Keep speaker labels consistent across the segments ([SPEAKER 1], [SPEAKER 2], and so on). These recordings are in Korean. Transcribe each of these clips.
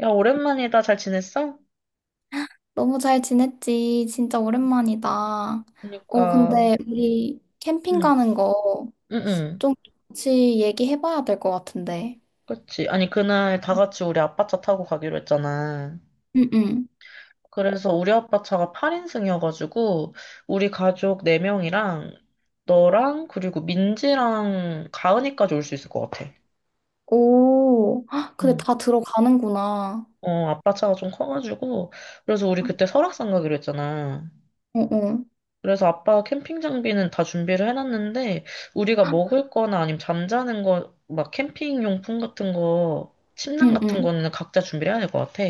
[SPEAKER 1] 야, 오랜만이다. 잘 지냈어?
[SPEAKER 2] 너무 잘 지냈지? 진짜 오랜만이다. 어,
[SPEAKER 1] 그러니까,
[SPEAKER 2] 근데 우리 캠핑
[SPEAKER 1] 응,
[SPEAKER 2] 가는 거
[SPEAKER 1] 응, 응.
[SPEAKER 2] 좀 같이 얘기해봐야 될 것 같은데.
[SPEAKER 1] 그치. 아니, 그날 다 같이 우리 아빠 차 타고 가기로 했잖아.
[SPEAKER 2] 응응.
[SPEAKER 1] 그래서 우리 아빠 차가 8인승이어가지고, 우리 가족 4명이랑, 너랑, 그리고 민지랑 가은이까지 올 수 있을 것 같아.
[SPEAKER 2] 오, 헉, 근데
[SPEAKER 1] 응.
[SPEAKER 2] 다 들어가는구나.
[SPEAKER 1] 어, 아빠 차가 좀 커가지고, 그래서 우리 그때 설악산 가기로 했잖아.
[SPEAKER 2] 어어.
[SPEAKER 1] 그래서 아빠가 캠핑 장비는 다 준비를 해놨는데, 우리가 먹을 거나 아니면 잠자는 거, 막 캠핑 용품 같은 거, 침낭 같은
[SPEAKER 2] 응응.
[SPEAKER 1] 거는 각자 준비를 해야 될 것 같아.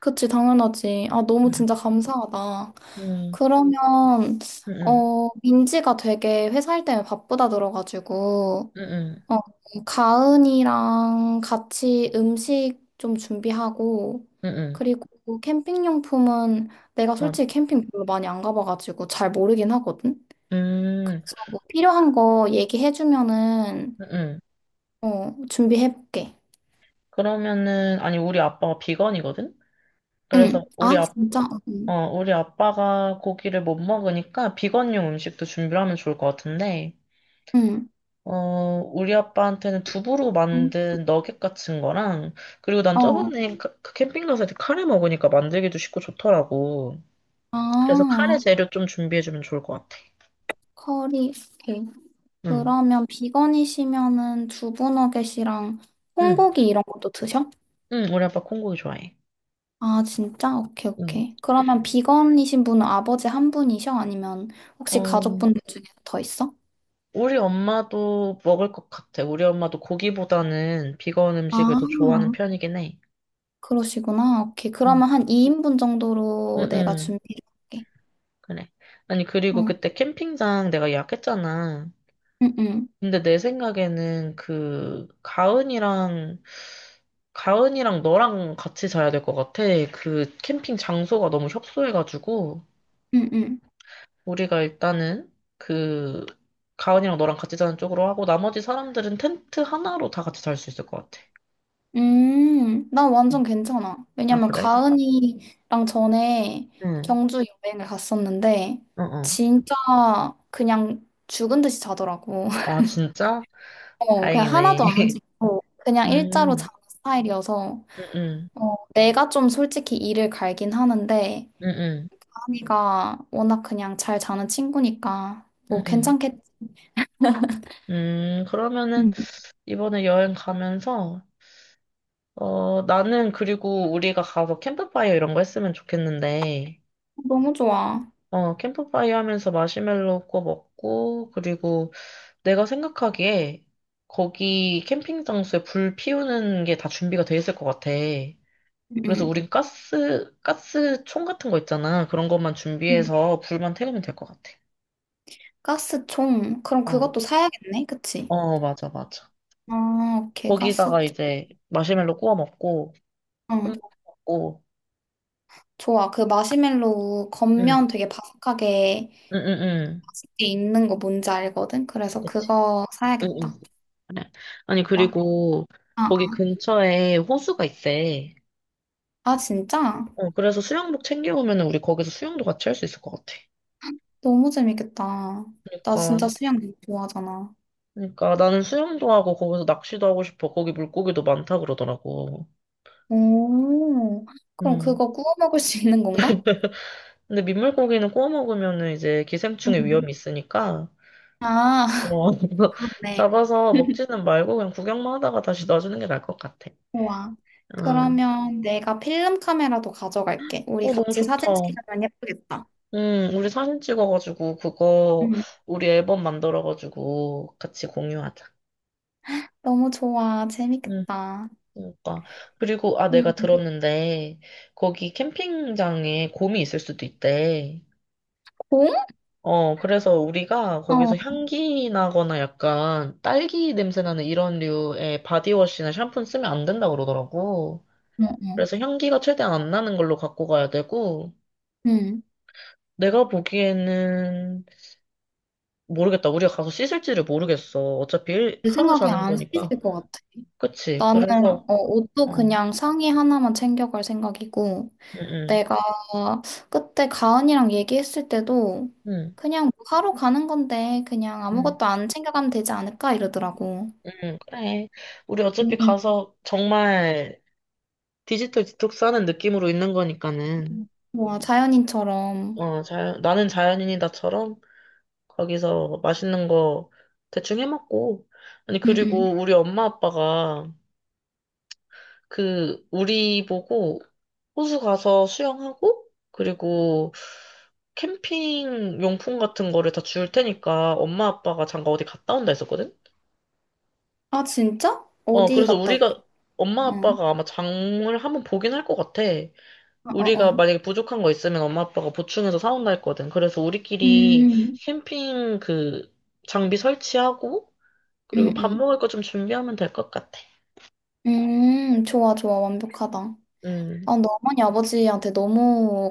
[SPEAKER 2] 그치, 당연하지. 아, 너무
[SPEAKER 1] 음,
[SPEAKER 2] 진짜 감사하다.
[SPEAKER 1] 음,
[SPEAKER 2] 그러면,
[SPEAKER 1] 음,
[SPEAKER 2] 어, 민지가 되게 회사일 때문에 바쁘다 들어가지고,
[SPEAKER 1] 음, 음,
[SPEAKER 2] 어, 가은이랑 같이 음식 좀 준비하고,
[SPEAKER 1] 음, 음,
[SPEAKER 2] 그리고 캠핑용품은 내가
[SPEAKER 1] 맞.
[SPEAKER 2] 솔직히 캠핑 별로 많이 안 가봐가지고 잘 모르긴 하거든?
[SPEAKER 1] 음, 음,
[SPEAKER 2] 그래서 뭐 필요한 거 얘기해주면은,
[SPEAKER 1] 음. 음, 음.
[SPEAKER 2] 어, 준비해볼게.
[SPEAKER 1] 그러면은, 아니, 우리 아빠가 비건이거든? 그래서
[SPEAKER 2] 응. 아,
[SPEAKER 1] 우리 아,
[SPEAKER 2] 진짜? 어, 응.
[SPEAKER 1] 어, 우리 아빠가 고기를 못 먹으니까 비건용 음식도 준비를 하면 좋을 것 같은데,
[SPEAKER 2] 응.
[SPEAKER 1] 어, 우리 아빠한테는 두부로
[SPEAKER 2] 음,
[SPEAKER 1] 만든 너겟 같은 거랑, 그리고 난
[SPEAKER 2] 어.
[SPEAKER 1] 저번에 그 캠핑 가서 이렇게 카레 먹으니까 만들기도 쉽고 좋더라고. 그래서 카레
[SPEAKER 2] 아,
[SPEAKER 1] 재료 좀 준비해주면 좋을 것 같아.
[SPEAKER 2] 커리. 오케이.
[SPEAKER 1] 응,
[SPEAKER 2] 그러면 비건이시면은 두부너겟이랑
[SPEAKER 1] 응,
[SPEAKER 2] 콩고기 이런 것도 드셔?
[SPEAKER 1] 응, 우리 아빠 콩고기 좋아해.
[SPEAKER 2] 아, 진짜? 오케이,
[SPEAKER 1] 응.
[SPEAKER 2] 오케이. 그러면 비건이신 분은 아버지 한 분이셔? 아니면 혹시
[SPEAKER 1] 어,
[SPEAKER 2] 가족분들 중에 더 있어?
[SPEAKER 1] 우리 엄마도 먹을 것 같아. 우리 엄마도 고기보다는 비건
[SPEAKER 2] 아,
[SPEAKER 1] 음식을 더 좋아하는 편이긴 해.
[SPEAKER 2] 그러시구나. 오케이.
[SPEAKER 1] 응,
[SPEAKER 2] 그러면 한 2인분
[SPEAKER 1] 응,
[SPEAKER 2] 정도로 내가
[SPEAKER 1] 응,
[SPEAKER 2] 준비를 할게.
[SPEAKER 1] 그래. 아니, 그리고
[SPEAKER 2] 어,
[SPEAKER 1] 그때 캠핑장 내가 예약했잖아.
[SPEAKER 2] 응, 응,
[SPEAKER 1] 근데 내 생각에는 그 가은이랑 너랑 같이 자야 될 것 같아. 그 캠핑 장소가 너무 협소해가지고
[SPEAKER 2] 응, 응.
[SPEAKER 1] 우리가 일단은 그 가은이랑 너랑 같이 자는 쪽으로 하고 나머지 사람들은 텐트 하나로 다 같이 잘 수 있을 것 같아.
[SPEAKER 2] 나 완전 괜찮아.
[SPEAKER 1] 아
[SPEAKER 2] 왜냐면
[SPEAKER 1] 그래?
[SPEAKER 2] 가은이랑 전에
[SPEAKER 1] 응.
[SPEAKER 2] 경주 여행을 갔었는데,
[SPEAKER 1] 어 어.
[SPEAKER 2] 진짜 그냥 죽은 듯이 자더라고.
[SPEAKER 1] 아 진짜?
[SPEAKER 2] 어, 그냥
[SPEAKER 1] 다행이네.
[SPEAKER 2] 하나도 안 움직이고, 그냥 일자로
[SPEAKER 1] 음.
[SPEAKER 2] 자는 스타일이어서,
[SPEAKER 1] 응응.
[SPEAKER 2] 어, 내가 좀 솔직히 일을 갈긴 하는데,
[SPEAKER 1] 응응.
[SPEAKER 2] 아미가 워낙 그냥 잘 자는 친구니까, 뭐
[SPEAKER 1] 응응.
[SPEAKER 2] 괜찮겠지.
[SPEAKER 1] 그러면은
[SPEAKER 2] 응,
[SPEAKER 1] 이번에 여행 가면서 어, 나는 그리고 우리가 가서 캠프파이어 이런 거 했으면 좋겠는데,
[SPEAKER 2] 너무 좋아.
[SPEAKER 1] 어, 캠프파이어 하면서 마시멜로 구워 먹고, 그리고 내가 생각하기에 거기 캠핑 장소에 불 피우는 게 다 준비가 돼 있을 것 같아.
[SPEAKER 2] 응.
[SPEAKER 1] 그래서
[SPEAKER 2] 응.
[SPEAKER 1] 우린 가스 총 같은 거 있잖아. 그런 것만
[SPEAKER 2] 응.
[SPEAKER 1] 준비해서 불만 태우면 될 것 같아.
[SPEAKER 2] 가스총. 그럼
[SPEAKER 1] 어,
[SPEAKER 2] 그것도 사야겠네, 그치?
[SPEAKER 1] 어, 맞아, 맞아.
[SPEAKER 2] 아, 오케이, 가스총.
[SPEAKER 1] 거기다가 이제 마시멜로 구워 먹고,
[SPEAKER 2] 응.
[SPEAKER 1] 술 먹고,
[SPEAKER 2] 좋아. 그 마시멜로우
[SPEAKER 1] 응,
[SPEAKER 2] 겉면 되게 바삭하게
[SPEAKER 1] 응, 응, 응.
[SPEAKER 2] 맛있게 익는 거 뭔지 알거든? 그래서
[SPEAKER 1] 그치.
[SPEAKER 2] 그거
[SPEAKER 1] 응, 응.
[SPEAKER 2] 사야겠다.
[SPEAKER 1] 그래. 아니,
[SPEAKER 2] 좋아.
[SPEAKER 1] 그리고
[SPEAKER 2] 아,
[SPEAKER 1] 거기 근처에 호수가 있대.
[SPEAKER 2] 아, 진짜?
[SPEAKER 1] 어, 그래서 수영복 챙겨오면 우리 거기서 수영도 같이 할 수 있을 것 같아.
[SPEAKER 2] 너무 재밌겠다. 나
[SPEAKER 1] 그러니까,
[SPEAKER 2] 진짜 수영 되게 좋아하잖아.
[SPEAKER 1] 그러니까 나는 수영도 하고 거기서 낚시도 하고 싶어. 거기 물고기도 많다 그러더라고.
[SPEAKER 2] 오, 그럼
[SPEAKER 1] 음.
[SPEAKER 2] 그거 구워 먹을 수 있는 건가?
[SPEAKER 1] 근데 민물고기는 구워 먹으면 이제 기생충의
[SPEAKER 2] 음.
[SPEAKER 1] 위험이 있으니까,
[SPEAKER 2] 아,
[SPEAKER 1] 어,
[SPEAKER 2] 그렇네.
[SPEAKER 1] 잡아서 먹지는 말고 그냥 구경만 하다가 다시 놔주는 게 나을 것 같아.
[SPEAKER 2] 좋아.
[SPEAKER 1] 어,
[SPEAKER 2] 그러면 내가 필름 카메라도 가져갈게. 우리
[SPEAKER 1] 어, 너무
[SPEAKER 2] 같이
[SPEAKER 1] 좋다.
[SPEAKER 2] 사진 찍으면 예쁘겠다.
[SPEAKER 1] 응 우리 사진 찍어가지고, 그거,
[SPEAKER 2] 음.
[SPEAKER 1] 우리 앨범 만들어가지고, 같이 공유하자.
[SPEAKER 2] 너무 좋아.
[SPEAKER 1] 응,
[SPEAKER 2] 재밌겠다.
[SPEAKER 1] 그러니까. 그리고, 아,
[SPEAKER 2] 음.
[SPEAKER 1] 내가 들었는데, 거기 캠핑장에 곰이 있을 수도 있대.
[SPEAKER 2] 공?
[SPEAKER 1] 어, 그래서 우리가
[SPEAKER 2] 어,
[SPEAKER 1] 거기서
[SPEAKER 2] 어,
[SPEAKER 1] 향기 나거나 약간 딸기 냄새 나는 이런 류의 바디워시나 샴푸는 쓰면 안 된다 그러더라고.
[SPEAKER 2] 어.
[SPEAKER 1] 그래서 향기가 최대한 안 나는 걸로 갖고 가야 되고,
[SPEAKER 2] 응.
[SPEAKER 1] 내가 보기에는 모르겠다. 우리가 가서 씻을지를 모르겠어. 어차피
[SPEAKER 2] 내
[SPEAKER 1] 하루
[SPEAKER 2] 생각에
[SPEAKER 1] 자는
[SPEAKER 2] 안 쓰실
[SPEAKER 1] 거니까.
[SPEAKER 2] 것 같아.
[SPEAKER 1] 그치.
[SPEAKER 2] 나는
[SPEAKER 1] 그래서,
[SPEAKER 2] 어, 옷도
[SPEAKER 1] 어, 응,
[SPEAKER 2] 그냥 상의 하나만 챙겨갈 생각이고,
[SPEAKER 1] 응,
[SPEAKER 2] 내가 그때 가은이랑 얘기했을 때도
[SPEAKER 1] 응,
[SPEAKER 2] 그냥 뭐 하러 가는 건데 그냥
[SPEAKER 1] 응,
[SPEAKER 2] 아무것도 안 챙겨가면 되지 않을까 이러더라고.
[SPEAKER 1] 응, 그래. 우리 어차피
[SPEAKER 2] 응응.
[SPEAKER 1] 가서 정말 디지털 디톡스 하는 느낌으로 있는 거니까는,
[SPEAKER 2] 와, 자연인처럼.
[SPEAKER 1] 어, 자연, 나는 자연인이다처럼 거기서 맛있는 거 대충 해 먹고. 아니,
[SPEAKER 2] 응응.
[SPEAKER 1] 그리고 우리 엄마 아빠가 그, 우리 보고 호수 가서 수영하고, 그리고 캠핑 용품 같은 거를 다 줄 테니까 엄마 아빠가 잠깐 어디 갔다 온다 했었거든?
[SPEAKER 2] 아, 진짜?
[SPEAKER 1] 어,
[SPEAKER 2] 어디
[SPEAKER 1] 그래서
[SPEAKER 2] 갔다 왔어?
[SPEAKER 1] 우리가, 엄마
[SPEAKER 2] 응.
[SPEAKER 1] 아빠가 아마 장을 한번 보긴 할 것 같아.
[SPEAKER 2] 어, 어,
[SPEAKER 1] 우리가
[SPEAKER 2] 어.
[SPEAKER 1] 만약에 부족한 거 있으면 엄마 아빠가 보충해서 사온다 했거든. 그래서 우리끼리
[SPEAKER 2] 음,
[SPEAKER 1] 캠핑 그 장비 설치하고,
[SPEAKER 2] 음,
[SPEAKER 1] 그리고 밥
[SPEAKER 2] 음.
[SPEAKER 1] 먹을 거 좀 준비하면 될 것 같아.
[SPEAKER 2] 좋아, 좋아. 완벽하다. 아,
[SPEAKER 1] 음,
[SPEAKER 2] 너 어머니 아버지한테 너무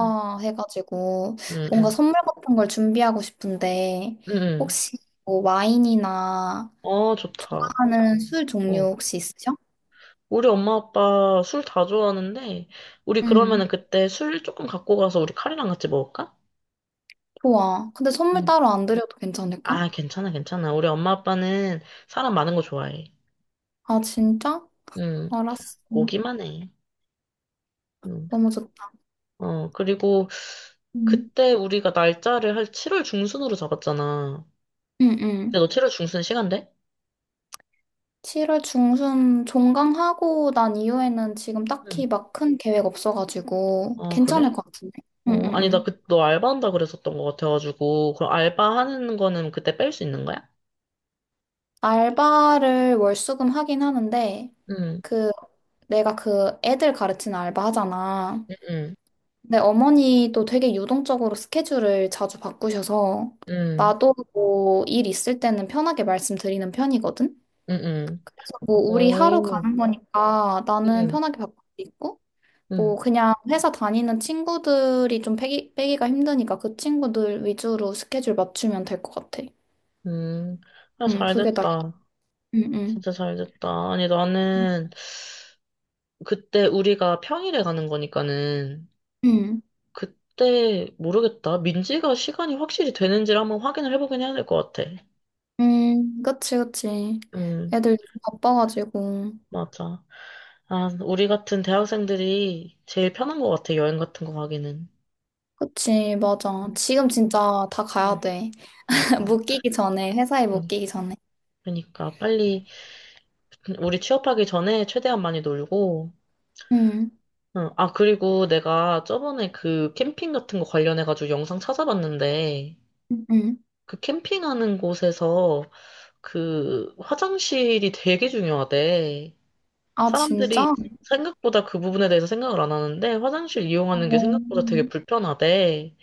[SPEAKER 1] 음, 음,
[SPEAKER 2] 뭔가
[SPEAKER 1] 음.
[SPEAKER 2] 선물 같은 걸 준비하고 싶은데
[SPEAKER 1] 음. 음.
[SPEAKER 2] 혹시 뭐 와인이나
[SPEAKER 1] 어, 좋다.
[SPEAKER 2] 좋아하는 술 종류
[SPEAKER 1] 어.
[SPEAKER 2] 혹시 있으셔?
[SPEAKER 1] 우리 엄마 아빠 술 다 좋아하는데, 우리
[SPEAKER 2] 응,
[SPEAKER 1] 그러면은 그때 술 조금 갖고 가서 우리 카레랑 같이 먹을까?
[SPEAKER 2] 좋아. 근데 선물
[SPEAKER 1] 응.
[SPEAKER 2] 따로 안 드려도 괜찮을까?
[SPEAKER 1] 아, 괜찮아, 괜찮아. 우리 엄마 아빠는 사람 많은 거 좋아해.
[SPEAKER 2] 아, 진짜?
[SPEAKER 1] 응,
[SPEAKER 2] 알았어.
[SPEAKER 1] 오기만 해. 응,
[SPEAKER 2] 너무 좋다.
[SPEAKER 1] 어, 그리고
[SPEAKER 2] 응
[SPEAKER 1] 그때 우리가 날짜를 한 7월 중순으로 잡았잖아.
[SPEAKER 2] 응, 응.
[SPEAKER 1] 근데 너 7월 중순 시간 돼?
[SPEAKER 2] 7월 중순 종강하고 난 이후에는 지금
[SPEAKER 1] 응.
[SPEAKER 2] 딱히 막 큰 계획 없어가지고
[SPEAKER 1] 어, 그래?
[SPEAKER 2] 괜찮을 것 같은데. 응,
[SPEAKER 1] 어,
[SPEAKER 2] 응,
[SPEAKER 1] 아니, 나
[SPEAKER 2] 응.
[SPEAKER 1] 그, 너 알바한다 그랬었던 것 같아가지고, 그럼 알바하는 거는 그때 뺄 수 있는 거야?
[SPEAKER 2] 알바를 월수금 하긴 하는데
[SPEAKER 1] 응,
[SPEAKER 2] 그 내가 그 애들 가르치는 알바 하잖아.
[SPEAKER 1] 응,
[SPEAKER 2] 네, 어머니도 되게 유동적으로 스케줄을 자주 바꾸셔서
[SPEAKER 1] 응,
[SPEAKER 2] 나도 뭐 일 있을 때는 편하게 말씀드리는 편이거든.
[SPEAKER 1] 응, 응.
[SPEAKER 2] 그래서 뭐
[SPEAKER 1] 응.
[SPEAKER 2] 우리 하루
[SPEAKER 1] 오.
[SPEAKER 2] 가는 거니까 나는
[SPEAKER 1] 응,
[SPEAKER 2] 편하게 바꿀 수 있고
[SPEAKER 1] 응,
[SPEAKER 2] 뭐 그냥 회사 다니는 친구들이 좀 빼기가 힘드니까 그 친구들 위주로 스케줄 맞추면 될 것 같아.
[SPEAKER 1] 응. 아,
[SPEAKER 2] 응,
[SPEAKER 1] 잘
[SPEAKER 2] 그게 나
[SPEAKER 1] 됐다.
[SPEAKER 2] 응, 응.
[SPEAKER 1] 진짜 잘 됐다. 아니,
[SPEAKER 2] 응,
[SPEAKER 1] 나는 그때 우리가 평일에 가는 거니까는
[SPEAKER 2] 응,
[SPEAKER 1] 그때 모르겠다. 민지가 시간이 확실히 되는지를 한번 확인을 해보긴 해야 될 것 같아.
[SPEAKER 2] 그치, 그치.
[SPEAKER 1] 응,
[SPEAKER 2] 애들 요즘 바빠가지고.
[SPEAKER 1] 맞아. 아, 우리 같은 대학생들이 제일 편한 것 같아. 여행 같은 거 가기는.
[SPEAKER 2] 그치, 맞아.
[SPEAKER 1] 응,
[SPEAKER 2] 지금 진짜 다 가야
[SPEAKER 1] 응,
[SPEAKER 2] 돼.
[SPEAKER 1] 맞아.
[SPEAKER 2] 못 끼기 전에, 회사에 못
[SPEAKER 1] 응.
[SPEAKER 2] 끼기 전에.
[SPEAKER 1] 그러니까 빨리 우리 취업하기 전에 최대한 많이 놀고
[SPEAKER 2] 음,
[SPEAKER 1] 응. 아, 그리고 내가 저번에 그 캠핑 같은 거 관련해가지고 영상 찾아봤는데,
[SPEAKER 2] 음.
[SPEAKER 1] 그 캠핑하는 곳에서 그 화장실이 되게 중요하대.
[SPEAKER 2] 아, 진짜?
[SPEAKER 1] 사람들이 생각보다 그 부분에 대해서 생각을 안 하는데, 화장실
[SPEAKER 2] 어,
[SPEAKER 1] 이용하는 게 생각보다 되게 불편하대.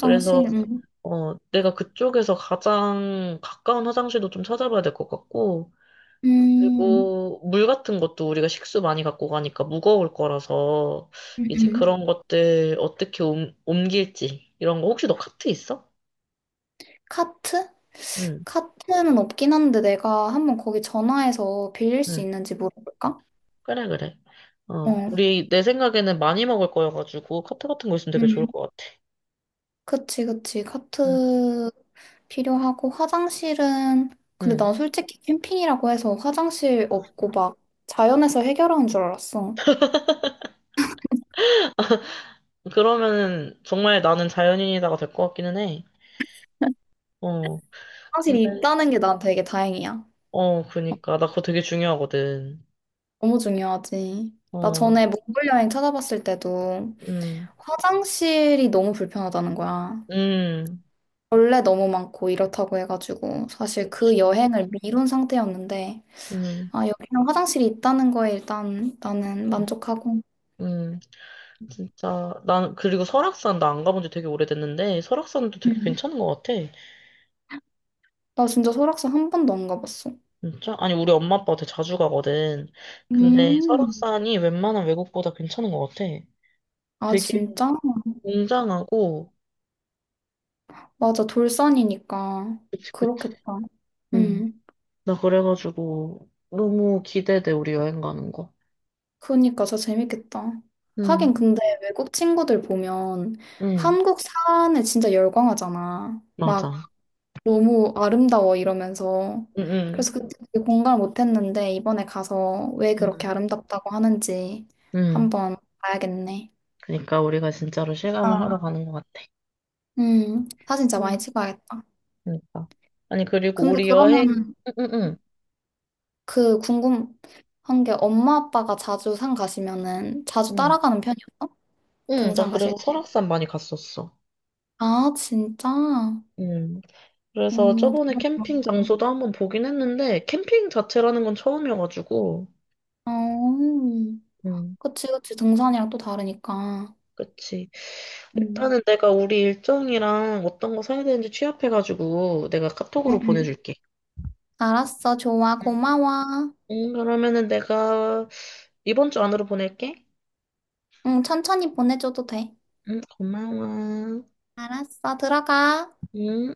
[SPEAKER 1] 그래서, 어, 내가 그쪽에서 가장 가까운 화장실도 좀 찾아봐야 될 것 같고,
[SPEAKER 2] 음,
[SPEAKER 1] 그리고 물 같은 것도 우리가 식수 많이 갖고 가니까 무거울 거라서
[SPEAKER 2] 음,
[SPEAKER 1] 이제
[SPEAKER 2] 음.
[SPEAKER 1] 그런 것들 어떻게 옮길지 이런 거 혹시 너 카트 있어?
[SPEAKER 2] 카트?
[SPEAKER 1] 응,
[SPEAKER 2] 카트는 없긴 한데 내가 한번 거기 전화해서 빌릴 수
[SPEAKER 1] 응.
[SPEAKER 2] 있는지 물어볼까?
[SPEAKER 1] 그래, 그래. 어,
[SPEAKER 2] 어,
[SPEAKER 1] 우리 내 생각에는 많이 먹을 거여가지고 카트 같은 거 있으면 되게 좋을
[SPEAKER 2] 음.
[SPEAKER 1] 것 같아.
[SPEAKER 2] 그치, 그치.
[SPEAKER 1] 응,
[SPEAKER 2] 카트 필요하고 화장실은, 근데
[SPEAKER 1] 응.
[SPEAKER 2] 난 솔직히 캠핑이라고 해서 화장실 없고 막 자연에서 해결하는 줄 알았어.
[SPEAKER 1] 그러면은 정말 나는 자연인이다가 될 것 같기는 해. 어,
[SPEAKER 2] 화장실이
[SPEAKER 1] 근데
[SPEAKER 2] 있다는 게 난 되게 다행이야.
[SPEAKER 1] 어, 그니까 나 그거 되게 중요하거든.
[SPEAKER 2] 너무 중요하지. 나
[SPEAKER 1] 어,
[SPEAKER 2] 전에 몽골 여행 찾아봤을 때도
[SPEAKER 1] 음,
[SPEAKER 2] 화장실이 너무 불편하다는 거야.
[SPEAKER 1] 음,
[SPEAKER 2] 벌레 너무 많고 이렇다고 해가지고 사실 그
[SPEAKER 1] 그렇지.
[SPEAKER 2] 여행을 미룬 상태였는데
[SPEAKER 1] 음,
[SPEAKER 2] 아 여기는 화장실이 있다는 거에 일단 나는
[SPEAKER 1] 음.
[SPEAKER 2] 만족하고
[SPEAKER 1] 음. 진짜 난 그리고 설악산 나 안 가본 지 되게 오래됐는데 설악산도 되게
[SPEAKER 2] 음.
[SPEAKER 1] 괜찮은 것 같아.
[SPEAKER 2] 나 진짜 설악산 한 번도 안 가봤어.
[SPEAKER 1] 진짜? 아니 우리 엄마 아빠 되게 자주 가거든. 근데
[SPEAKER 2] 음.
[SPEAKER 1] 설악산이 웬만한 외국보다 괜찮은 것 같아.
[SPEAKER 2] 아
[SPEAKER 1] 되게
[SPEAKER 2] 진짜?
[SPEAKER 1] 웅장하고
[SPEAKER 2] 맞아 돌산이니까
[SPEAKER 1] 그치 그치.
[SPEAKER 2] 그렇겠다.
[SPEAKER 1] 음.
[SPEAKER 2] 음.
[SPEAKER 1] 나 그래가지고 너무 기대돼 우리 여행 가는 거.
[SPEAKER 2] 그니까 진짜 재밌겠다.
[SPEAKER 1] 응
[SPEAKER 2] 하긴 근데 외국 친구들 보면
[SPEAKER 1] 응
[SPEAKER 2] 한국 산에 진짜 열광하잖아. 막
[SPEAKER 1] 맞아.
[SPEAKER 2] 너무 아름다워 이러면서.
[SPEAKER 1] 응
[SPEAKER 2] 그래서
[SPEAKER 1] 응
[SPEAKER 2] 그때 되게 공감을 못했는데 이번에 가서 왜
[SPEAKER 1] 응
[SPEAKER 2] 그렇게 아름답다고 하는지
[SPEAKER 1] 응.
[SPEAKER 2] 한번 봐야겠네.
[SPEAKER 1] 그러니까 우리가 진짜로 실감을
[SPEAKER 2] 아,
[SPEAKER 1] 하러 가는 것 같아.
[SPEAKER 2] 사진 진짜
[SPEAKER 1] 응.
[SPEAKER 2] 많이 찍어야겠다.
[SPEAKER 1] 그러니까. 아니 그리고
[SPEAKER 2] 근데
[SPEAKER 1] 우리 여행
[SPEAKER 2] 그러면은
[SPEAKER 1] 응응응
[SPEAKER 2] 그 궁금한 게 엄마 아빠가 자주 산 가시면은 자주 따라가는 편이었어?
[SPEAKER 1] 응, 나
[SPEAKER 2] 등산 가실?
[SPEAKER 1] 그래서
[SPEAKER 2] 때?
[SPEAKER 1] 설악산 많이 갔었어.
[SPEAKER 2] 아, 진짜?
[SPEAKER 1] 음,
[SPEAKER 2] 어,
[SPEAKER 1] 그래서 저번에 캠핑
[SPEAKER 2] 다르구나.
[SPEAKER 1] 장소도 한번 보긴 했는데, 캠핑 자체라는 건 처음이어가지고,
[SPEAKER 2] 어,
[SPEAKER 1] 음,
[SPEAKER 2] 그치, 그치. 등산이랑 또 다르니까.
[SPEAKER 1] 그치.
[SPEAKER 2] 응.
[SPEAKER 1] 일단은 내가 우리 일정이랑 어떤 거 사야 되는지 취합해가지고, 내가
[SPEAKER 2] 응,
[SPEAKER 1] 카톡으로
[SPEAKER 2] 응.
[SPEAKER 1] 보내줄게.
[SPEAKER 2] 알았어. 좋아.
[SPEAKER 1] 응,
[SPEAKER 2] 고마워.
[SPEAKER 1] 응, 그러면은 내가 이번 주 안으로 보낼게.
[SPEAKER 2] 응, 천천히 보내줘도 돼.
[SPEAKER 1] 응, 고마워.
[SPEAKER 2] 알았어. 들어가.
[SPEAKER 1] 응.